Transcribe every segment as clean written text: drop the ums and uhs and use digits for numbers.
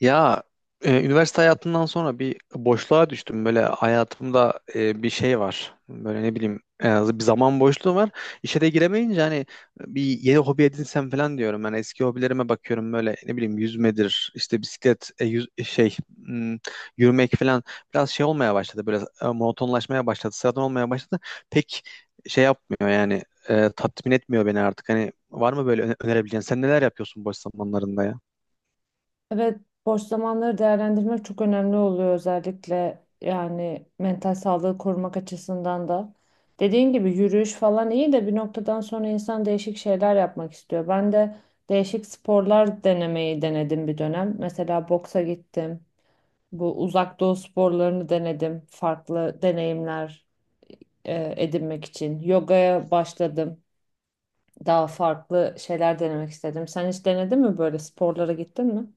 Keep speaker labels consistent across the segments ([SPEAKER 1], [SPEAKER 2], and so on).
[SPEAKER 1] Ya üniversite hayatından sonra bir boşluğa düştüm. Böyle hayatımda bir şey var. Böyle ne bileyim en az bir zaman boşluğu var. İşe de giremeyince hani bir yeni hobi edinsem falan diyorum. Yani eski hobilerime bakıyorum böyle ne bileyim yüzmedir, işte bisiklet, e, yüz, e, şey hmm, yürümek falan biraz şey olmaya başladı. Böyle monotonlaşmaya başladı, sıradan olmaya başladı. Pek şey yapmıyor yani tatmin etmiyor beni artık. Hani var mı böyle önerebileceğin? Sen neler yapıyorsun boş zamanlarında ya?
[SPEAKER 2] Evet, boş zamanları değerlendirmek çok önemli oluyor özellikle yani mental sağlığı korumak açısından da. Dediğin gibi yürüyüş falan iyi de bir noktadan sonra insan değişik şeyler yapmak istiyor. Ben de değişik sporlar denemeyi denedim bir dönem. Mesela boksa gittim. Bu uzak doğu sporlarını denedim. Farklı deneyimler edinmek için. Yogaya başladım. Daha farklı şeyler denemek istedim. Sen hiç denedin mi böyle sporlara gittin mi?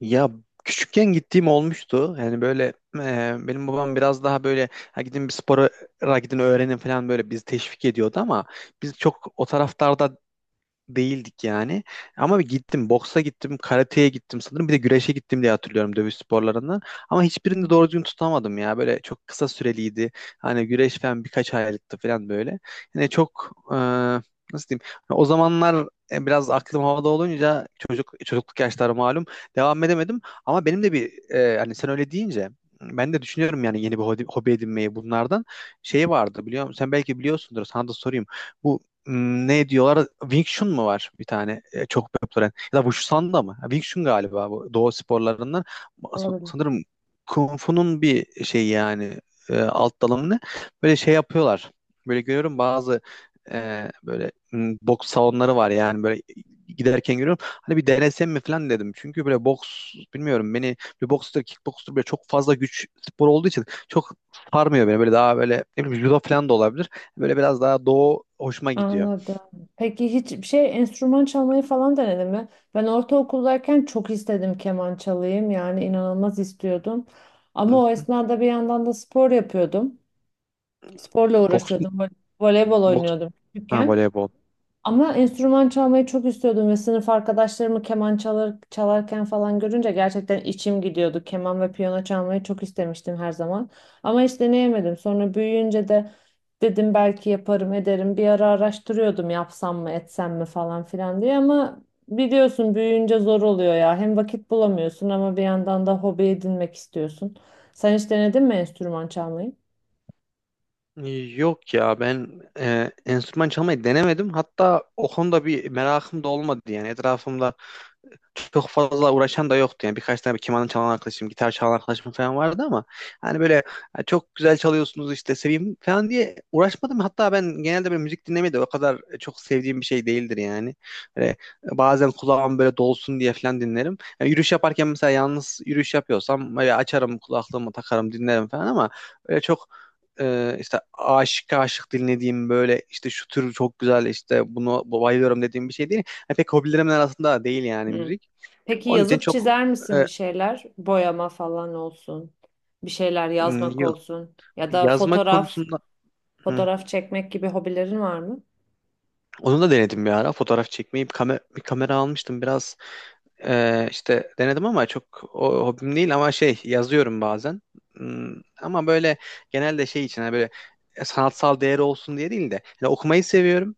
[SPEAKER 1] Ya küçükken gittiğim olmuştu. Yani böyle benim babam biraz daha böyle ha gidin bir spora gidin öğrenin falan böyle bizi teşvik ediyordu ama biz çok o taraftarda değildik yani. Ama bir gittim. Boksa gittim. Karateye gittim sanırım. Bir de güreşe gittim diye hatırlıyorum dövüş sporlarından. Ama
[SPEAKER 2] Hı.
[SPEAKER 1] hiçbirini doğru düzgün tutamadım ya. Böyle çok kısa süreliydi. Hani güreş falan birkaç aylıktı falan böyle. Yani çok nasıl diyeyim? Hani o zamanlar biraz aklım havada olunca çocukluk yaşları malum devam edemedim. Ama benim de bir hani sen öyle deyince ben de düşünüyorum yani yeni bir hobi, hobi edinmeyi bunlardan. Şey vardı biliyor musun? Sen belki biliyorsundur. Sana da sorayım. Bu ne diyorlar? Wing Chun mu var bir tane çok popüler? Ya da Wushu da mı? Ha, Wing Chun galiba bu doğu sporlarından.
[SPEAKER 2] Olabilir.
[SPEAKER 1] Sanırım Kung Fu'nun bir şey yani alt dalı ne? Böyle şey yapıyorlar. Böyle görüyorum bazı böyle boks salonları var yani böyle giderken görüyorum. Hani bir denesem mi falan dedim. Çünkü böyle boks bilmiyorum beni bir bokstur kickbokstur böyle çok fazla güç spor olduğu için çok sarmıyor beni. Böyle daha böyle ne bileyim judo falan da olabilir. Böyle biraz daha doğu hoşuma gidiyor.
[SPEAKER 2] Anladım. Peki hiç şey enstrüman çalmayı falan denedin mi? Ben ortaokuldayken çok istedim keman çalayım yani inanılmaz istiyordum. Ama
[SPEAKER 1] Hı
[SPEAKER 2] o
[SPEAKER 1] hı.
[SPEAKER 2] esnada bir yandan da spor yapıyordum. Sporla
[SPEAKER 1] Boks,
[SPEAKER 2] uğraşıyordum. Voleybol
[SPEAKER 1] boks,
[SPEAKER 2] oynuyordum
[SPEAKER 1] ha,
[SPEAKER 2] küçükken.
[SPEAKER 1] voleybol.
[SPEAKER 2] Ama enstrüman çalmayı çok istiyordum ve sınıf arkadaşlarımı keman çalar, çalarken falan görünce gerçekten içim gidiyordu. Keman ve piyano çalmayı çok istemiştim her zaman. Ama hiç deneyemedim. Sonra büyüyünce de dedim belki yaparım ederim. Bir ara araştırıyordum yapsam mı etsem mi falan filan diye ama biliyorsun büyüyünce zor oluyor ya. Hem vakit bulamıyorsun ama bir yandan da hobi edinmek istiyorsun. Sen hiç denedin mi enstrüman çalmayı?
[SPEAKER 1] Yok ya ben enstrüman çalmayı denemedim. Hatta o konuda bir merakım da olmadı yani. Etrafımda çok fazla uğraşan da yoktu. Yani birkaç tane keman çalan arkadaşım, gitar çalan arkadaşım falan vardı ama hani böyle "Ha, çok güzel çalıyorsunuz işte seveyim falan diye uğraşmadım. Hatta ben genelde böyle müzik dinlemeyi de o kadar çok sevdiğim bir şey değildir yani. Böyle bazen kulağım böyle dolsun diye falan dinlerim. Yani yürüyüş yaparken mesela yalnız yürüyüş yapıyorsam böyle açarım kulaklığımı takarım dinlerim falan ama öyle çok işte aşık aşık dinlediğim böyle işte şu tür çok güzel işte bunu bayılıyorum dediğim bir şey değil. Yani pek hobilerimin arasında değil yani müzik.
[SPEAKER 2] Peki
[SPEAKER 1] Onun için
[SPEAKER 2] yazıp
[SPEAKER 1] çok
[SPEAKER 2] çizer
[SPEAKER 1] e,
[SPEAKER 2] misin bir şeyler? Boyama falan olsun. Bir şeyler yazmak
[SPEAKER 1] yok.
[SPEAKER 2] olsun. Ya da
[SPEAKER 1] Yazmak
[SPEAKER 2] fotoğraf,
[SPEAKER 1] konusunda hı.
[SPEAKER 2] fotoğraf çekmek gibi hobilerin var mı?
[SPEAKER 1] Onu da denedim bir ara. Fotoğraf çekmeyi bir, bir kamera almıştım. Biraz işte denedim ama çok o, hobim değil ama şey yazıyorum bazen. Hmm, ama böyle genelde şey için hani böyle sanatsal değeri olsun diye değil de hani okumayı seviyorum.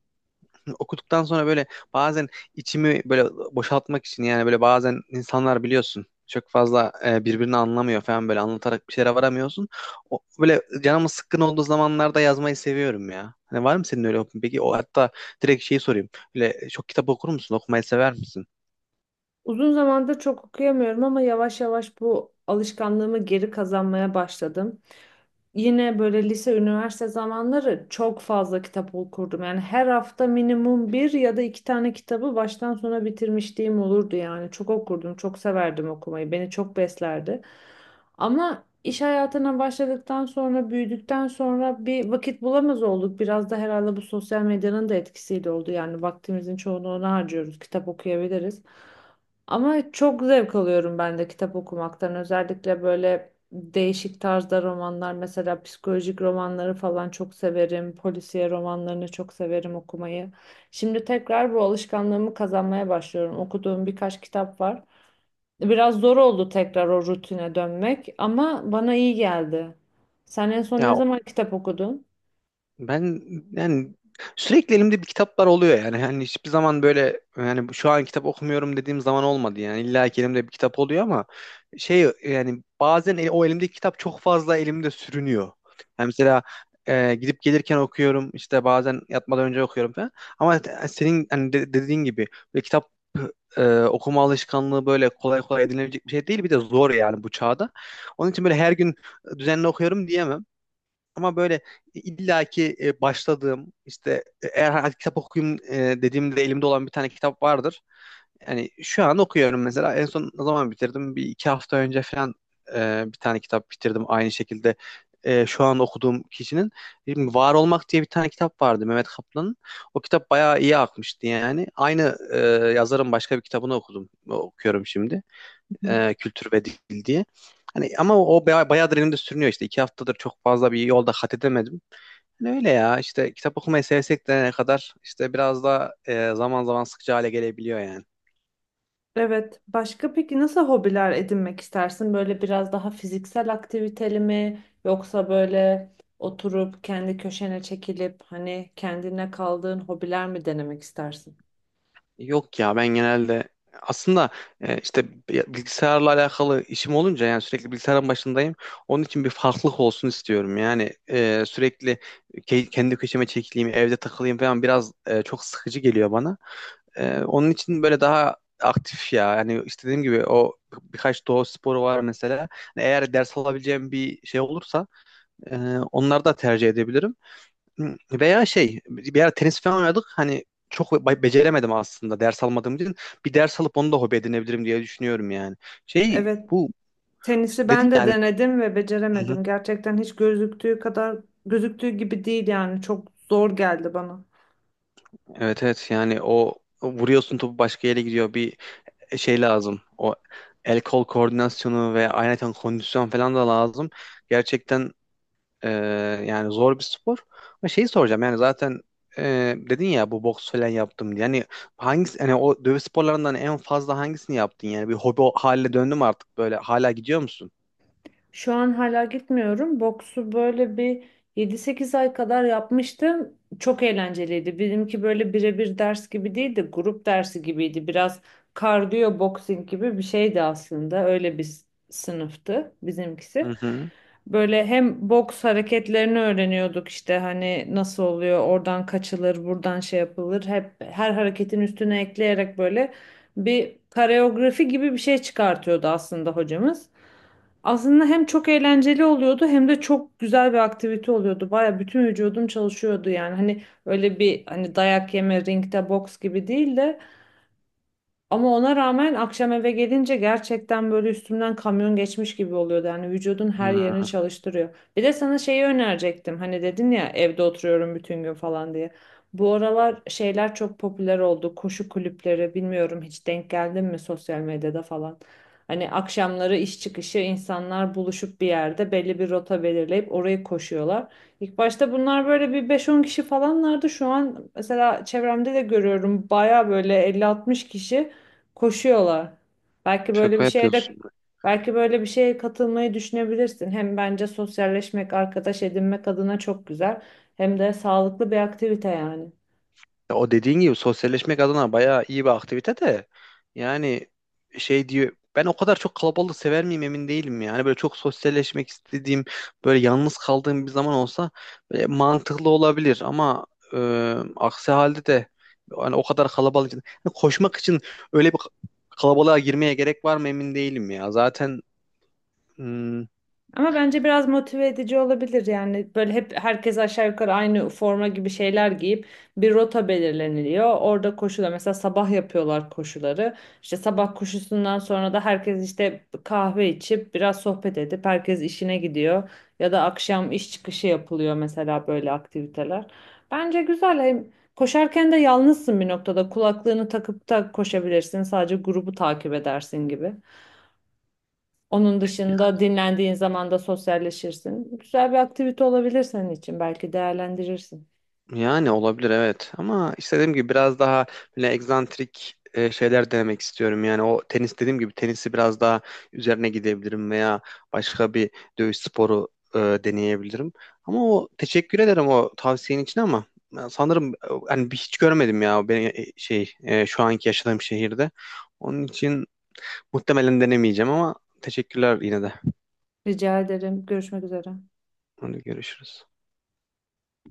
[SPEAKER 1] Okuduktan sonra böyle bazen içimi böyle boşaltmak için yani böyle bazen insanlar biliyorsun çok fazla birbirini anlamıyor falan böyle anlatarak bir şeylere varamıyorsun. O, böyle canımın sıkkın olduğu zamanlarda yazmayı seviyorum ya. Hani var mı senin öyle hobin? Peki o hatta direkt şeyi sorayım. Böyle çok kitap okur musun? Okumayı sever misin?
[SPEAKER 2] Uzun zamandır çok okuyamıyorum ama yavaş yavaş bu alışkanlığımı geri kazanmaya başladım. Yine böyle lise, üniversite zamanları çok fazla kitap okurdum. Yani her hafta minimum bir ya da iki tane kitabı baştan sona bitirmişliğim olurdu yani. Çok okurdum, çok severdim okumayı. Beni çok beslerdi. Ama iş hayatına başladıktan sonra, büyüdükten sonra bir vakit bulamaz olduk. Biraz da herhalde bu sosyal medyanın da etkisiyle oldu. Yani vaktimizin çoğunu ona harcıyoruz. Kitap okuyabiliriz. Ama çok zevk alıyorum ben de kitap okumaktan. Özellikle böyle değişik tarzda romanlar, mesela psikolojik romanları falan çok severim. Polisiye romanlarını çok severim okumayı. Şimdi tekrar bu alışkanlığımı kazanmaya başlıyorum. Okuduğum birkaç kitap var. Biraz zor oldu tekrar o rutine dönmek ama bana iyi geldi. Sen en son ne
[SPEAKER 1] Ya
[SPEAKER 2] zaman kitap okudun?
[SPEAKER 1] ben yani sürekli elimde bir kitaplar oluyor yani. Hani hiçbir zaman böyle yani şu an kitap okumuyorum dediğim zaman olmadı yani. İlla ki elimde bir kitap oluyor ama şey yani bazen o elimdeki kitap çok fazla elimde sürünüyor. Yani mesela gidip gelirken okuyorum işte bazen yatmadan önce okuyorum falan. Ama senin hani dediğin gibi böyle kitap okuma alışkanlığı böyle kolay kolay edinilebilecek bir şey değil. Bir de zor yani bu çağda. Onun için böyle her gün düzenli okuyorum diyemem. Ama böyle illaki başladığım işte eğer hani hadi kitap okuyayım dediğimde elimde olan bir tane kitap vardır. Yani şu an okuyorum mesela. En son ne zaman bitirdim? Bir iki hafta önce falan bir tane kitap bitirdim. Aynı şekilde şu an okuduğum kişinin. Şimdi Var Olmak diye bir tane kitap vardı Mehmet Kaplan'ın. O kitap bayağı iyi akmıştı yani. Aynı yazarın başka bir kitabını okudum. Okuyorum şimdi kültür ve dil diye. Hani ama o, o bayağıdır elimde sürünüyor işte. İki haftadır çok fazla bir yolda kat edemedim. Hani öyle ya işte kitap okumayı sevsek de ne kadar işte biraz da zaman zaman sıkıcı hale gelebiliyor yani.
[SPEAKER 2] Evet. Başka peki nasıl hobiler edinmek istersin? Böyle biraz daha fiziksel aktiviteli mi? Yoksa böyle oturup kendi köşene çekilip hani kendine kaldığın hobiler mi denemek istersin?
[SPEAKER 1] Yok ya ben genelde aslında işte bilgisayarla alakalı işim olunca yani sürekli bilgisayarın başındayım. Onun için bir farklılık olsun istiyorum. Yani sürekli kendi köşeme çekileyim, evde takılayım falan biraz çok sıkıcı geliyor bana. Onun için böyle daha aktif ya. Yani işte dediğim gibi o birkaç doğa sporu var mesela. Hani eğer ders alabileceğim bir şey olursa e, onları da tercih edebilirim. Hı, veya şey bir ara tenis falan oynadık. Hani çok beceremedim aslında ders almadığım için. Bir ders alıp onu da hobi edinebilirim diye düşünüyorum yani. Şey
[SPEAKER 2] Evet,
[SPEAKER 1] bu
[SPEAKER 2] tenisi
[SPEAKER 1] dedin
[SPEAKER 2] ben de
[SPEAKER 1] yani.
[SPEAKER 2] denedim ve
[SPEAKER 1] Hı hı.
[SPEAKER 2] beceremedim. Gerçekten hiç gözüktüğü kadar gözüktüğü gibi değil yani çok zor geldi bana.
[SPEAKER 1] Evet evet yani o o vuruyorsun topu başka yere gidiyor. Bir şey lazım. O el kol koordinasyonu ve ayrıca kondisyon falan da lazım. Gerçekten Ee, yani zor bir spor. Ama şeyi soracağım yani zaten e, dedin ya bu boks falan yaptım diye. Yani hangisi hani o dövüş sporlarından en fazla hangisini yaptın yani bir hobi haline döndü mü artık böyle hala gidiyor musun?
[SPEAKER 2] Şu an hala gitmiyorum. Boksu böyle bir 7-8 ay kadar yapmıştım. Çok eğlenceliydi. Benimki böyle birebir ders gibi değildi, grup dersi gibiydi. Biraz kardiyo boxing gibi bir şeydi aslında. Öyle bir sınıftı
[SPEAKER 1] Hı
[SPEAKER 2] bizimkisi.
[SPEAKER 1] hı.
[SPEAKER 2] Böyle hem boks hareketlerini öğreniyorduk işte hani nasıl oluyor, oradan kaçılır, buradan şey yapılır. Hep her hareketin üstüne ekleyerek böyle bir koreografi gibi bir şey çıkartıyordu aslında hocamız. Aslında hem çok eğlenceli oluyordu hem de çok güzel bir aktivite oluyordu. Baya bütün vücudum çalışıyordu yani. Hani öyle bir hani dayak yeme ringde boks gibi değil de ama ona rağmen akşam eve gelince gerçekten böyle üstümden kamyon geçmiş gibi oluyordu. Yani vücudun her yerini
[SPEAKER 1] Hı.
[SPEAKER 2] çalıştırıyor. Bir de sana şeyi önerecektim. Hani dedin ya evde oturuyorum bütün gün falan diye. Bu aralar şeyler çok popüler oldu. Koşu kulüpleri bilmiyorum hiç denk geldin mi sosyal medyada falan. Hani akşamları iş çıkışı insanlar buluşup bir yerde belli bir rota belirleyip orayı koşuyorlar. İlk başta bunlar böyle bir 5-10 kişi falanlardı. Şu an mesela çevremde de görüyorum baya böyle 50-60 kişi. Koşuyorlar. Belki böyle bir
[SPEAKER 1] Şaka
[SPEAKER 2] şeye de
[SPEAKER 1] yapıyorsun.
[SPEAKER 2] Belki böyle bir şeye katılmayı düşünebilirsin. Hem bence sosyalleşmek, arkadaş edinmek adına çok güzel. Hem de sağlıklı bir aktivite yani.
[SPEAKER 1] Ya o dediğin gibi sosyalleşmek adına bayağı iyi bir aktivite de yani şey diyor ben o kadar çok kalabalığı sever miyim emin değilim yani böyle çok sosyalleşmek istediğim böyle yalnız kaldığım bir zaman olsa böyle mantıklı olabilir ama e, aksi halde de hani o kadar kalabalık için hani koşmak için öyle bir kalabalığa girmeye gerek var mı emin değilim ya zaten hmm.
[SPEAKER 2] Ama bence biraz motive edici olabilir yani böyle hep herkes aşağı yukarı aynı forma gibi şeyler giyip bir rota belirleniliyor. Orada koşuda mesela sabah yapıyorlar koşuları. İşte sabah koşusundan sonra da herkes işte kahve içip biraz sohbet edip herkes işine gidiyor. Ya da akşam iş çıkışı yapılıyor mesela böyle aktiviteler. Bence güzel hem koşarken de yalnızsın bir noktada kulaklığını takıp da koşabilirsin sadece grubu takip edersin gibi. Onun dışında dinlendiğin zaman da sosyalleşirsin. Güzel bir aktivite olabilir senin için. Belki değerlendirirsin.
[SPEAKER 1] Yani olabilir evet ama işte dediğim gibi biraz daha böyle egzantrik şeyler denemek istiyorum. Yani o tenis dediğim gibi tenisi biraz daha üzerine gidebilirim veya başka bir dövüş sporu deneyebilirim. Ama o teşekkür ederim o tavsiyenin için ama ben sanırım hani bir hiç görmedim ya ben şu anki yaşadığım şehirde. Onun için muhtemelen denemeyeceğim ama teşekkürler yine de.
[SPEAKER 2] Rica ederim. Görüşmek üzere.
[SPEAKER 1] Hadi görüşürüz.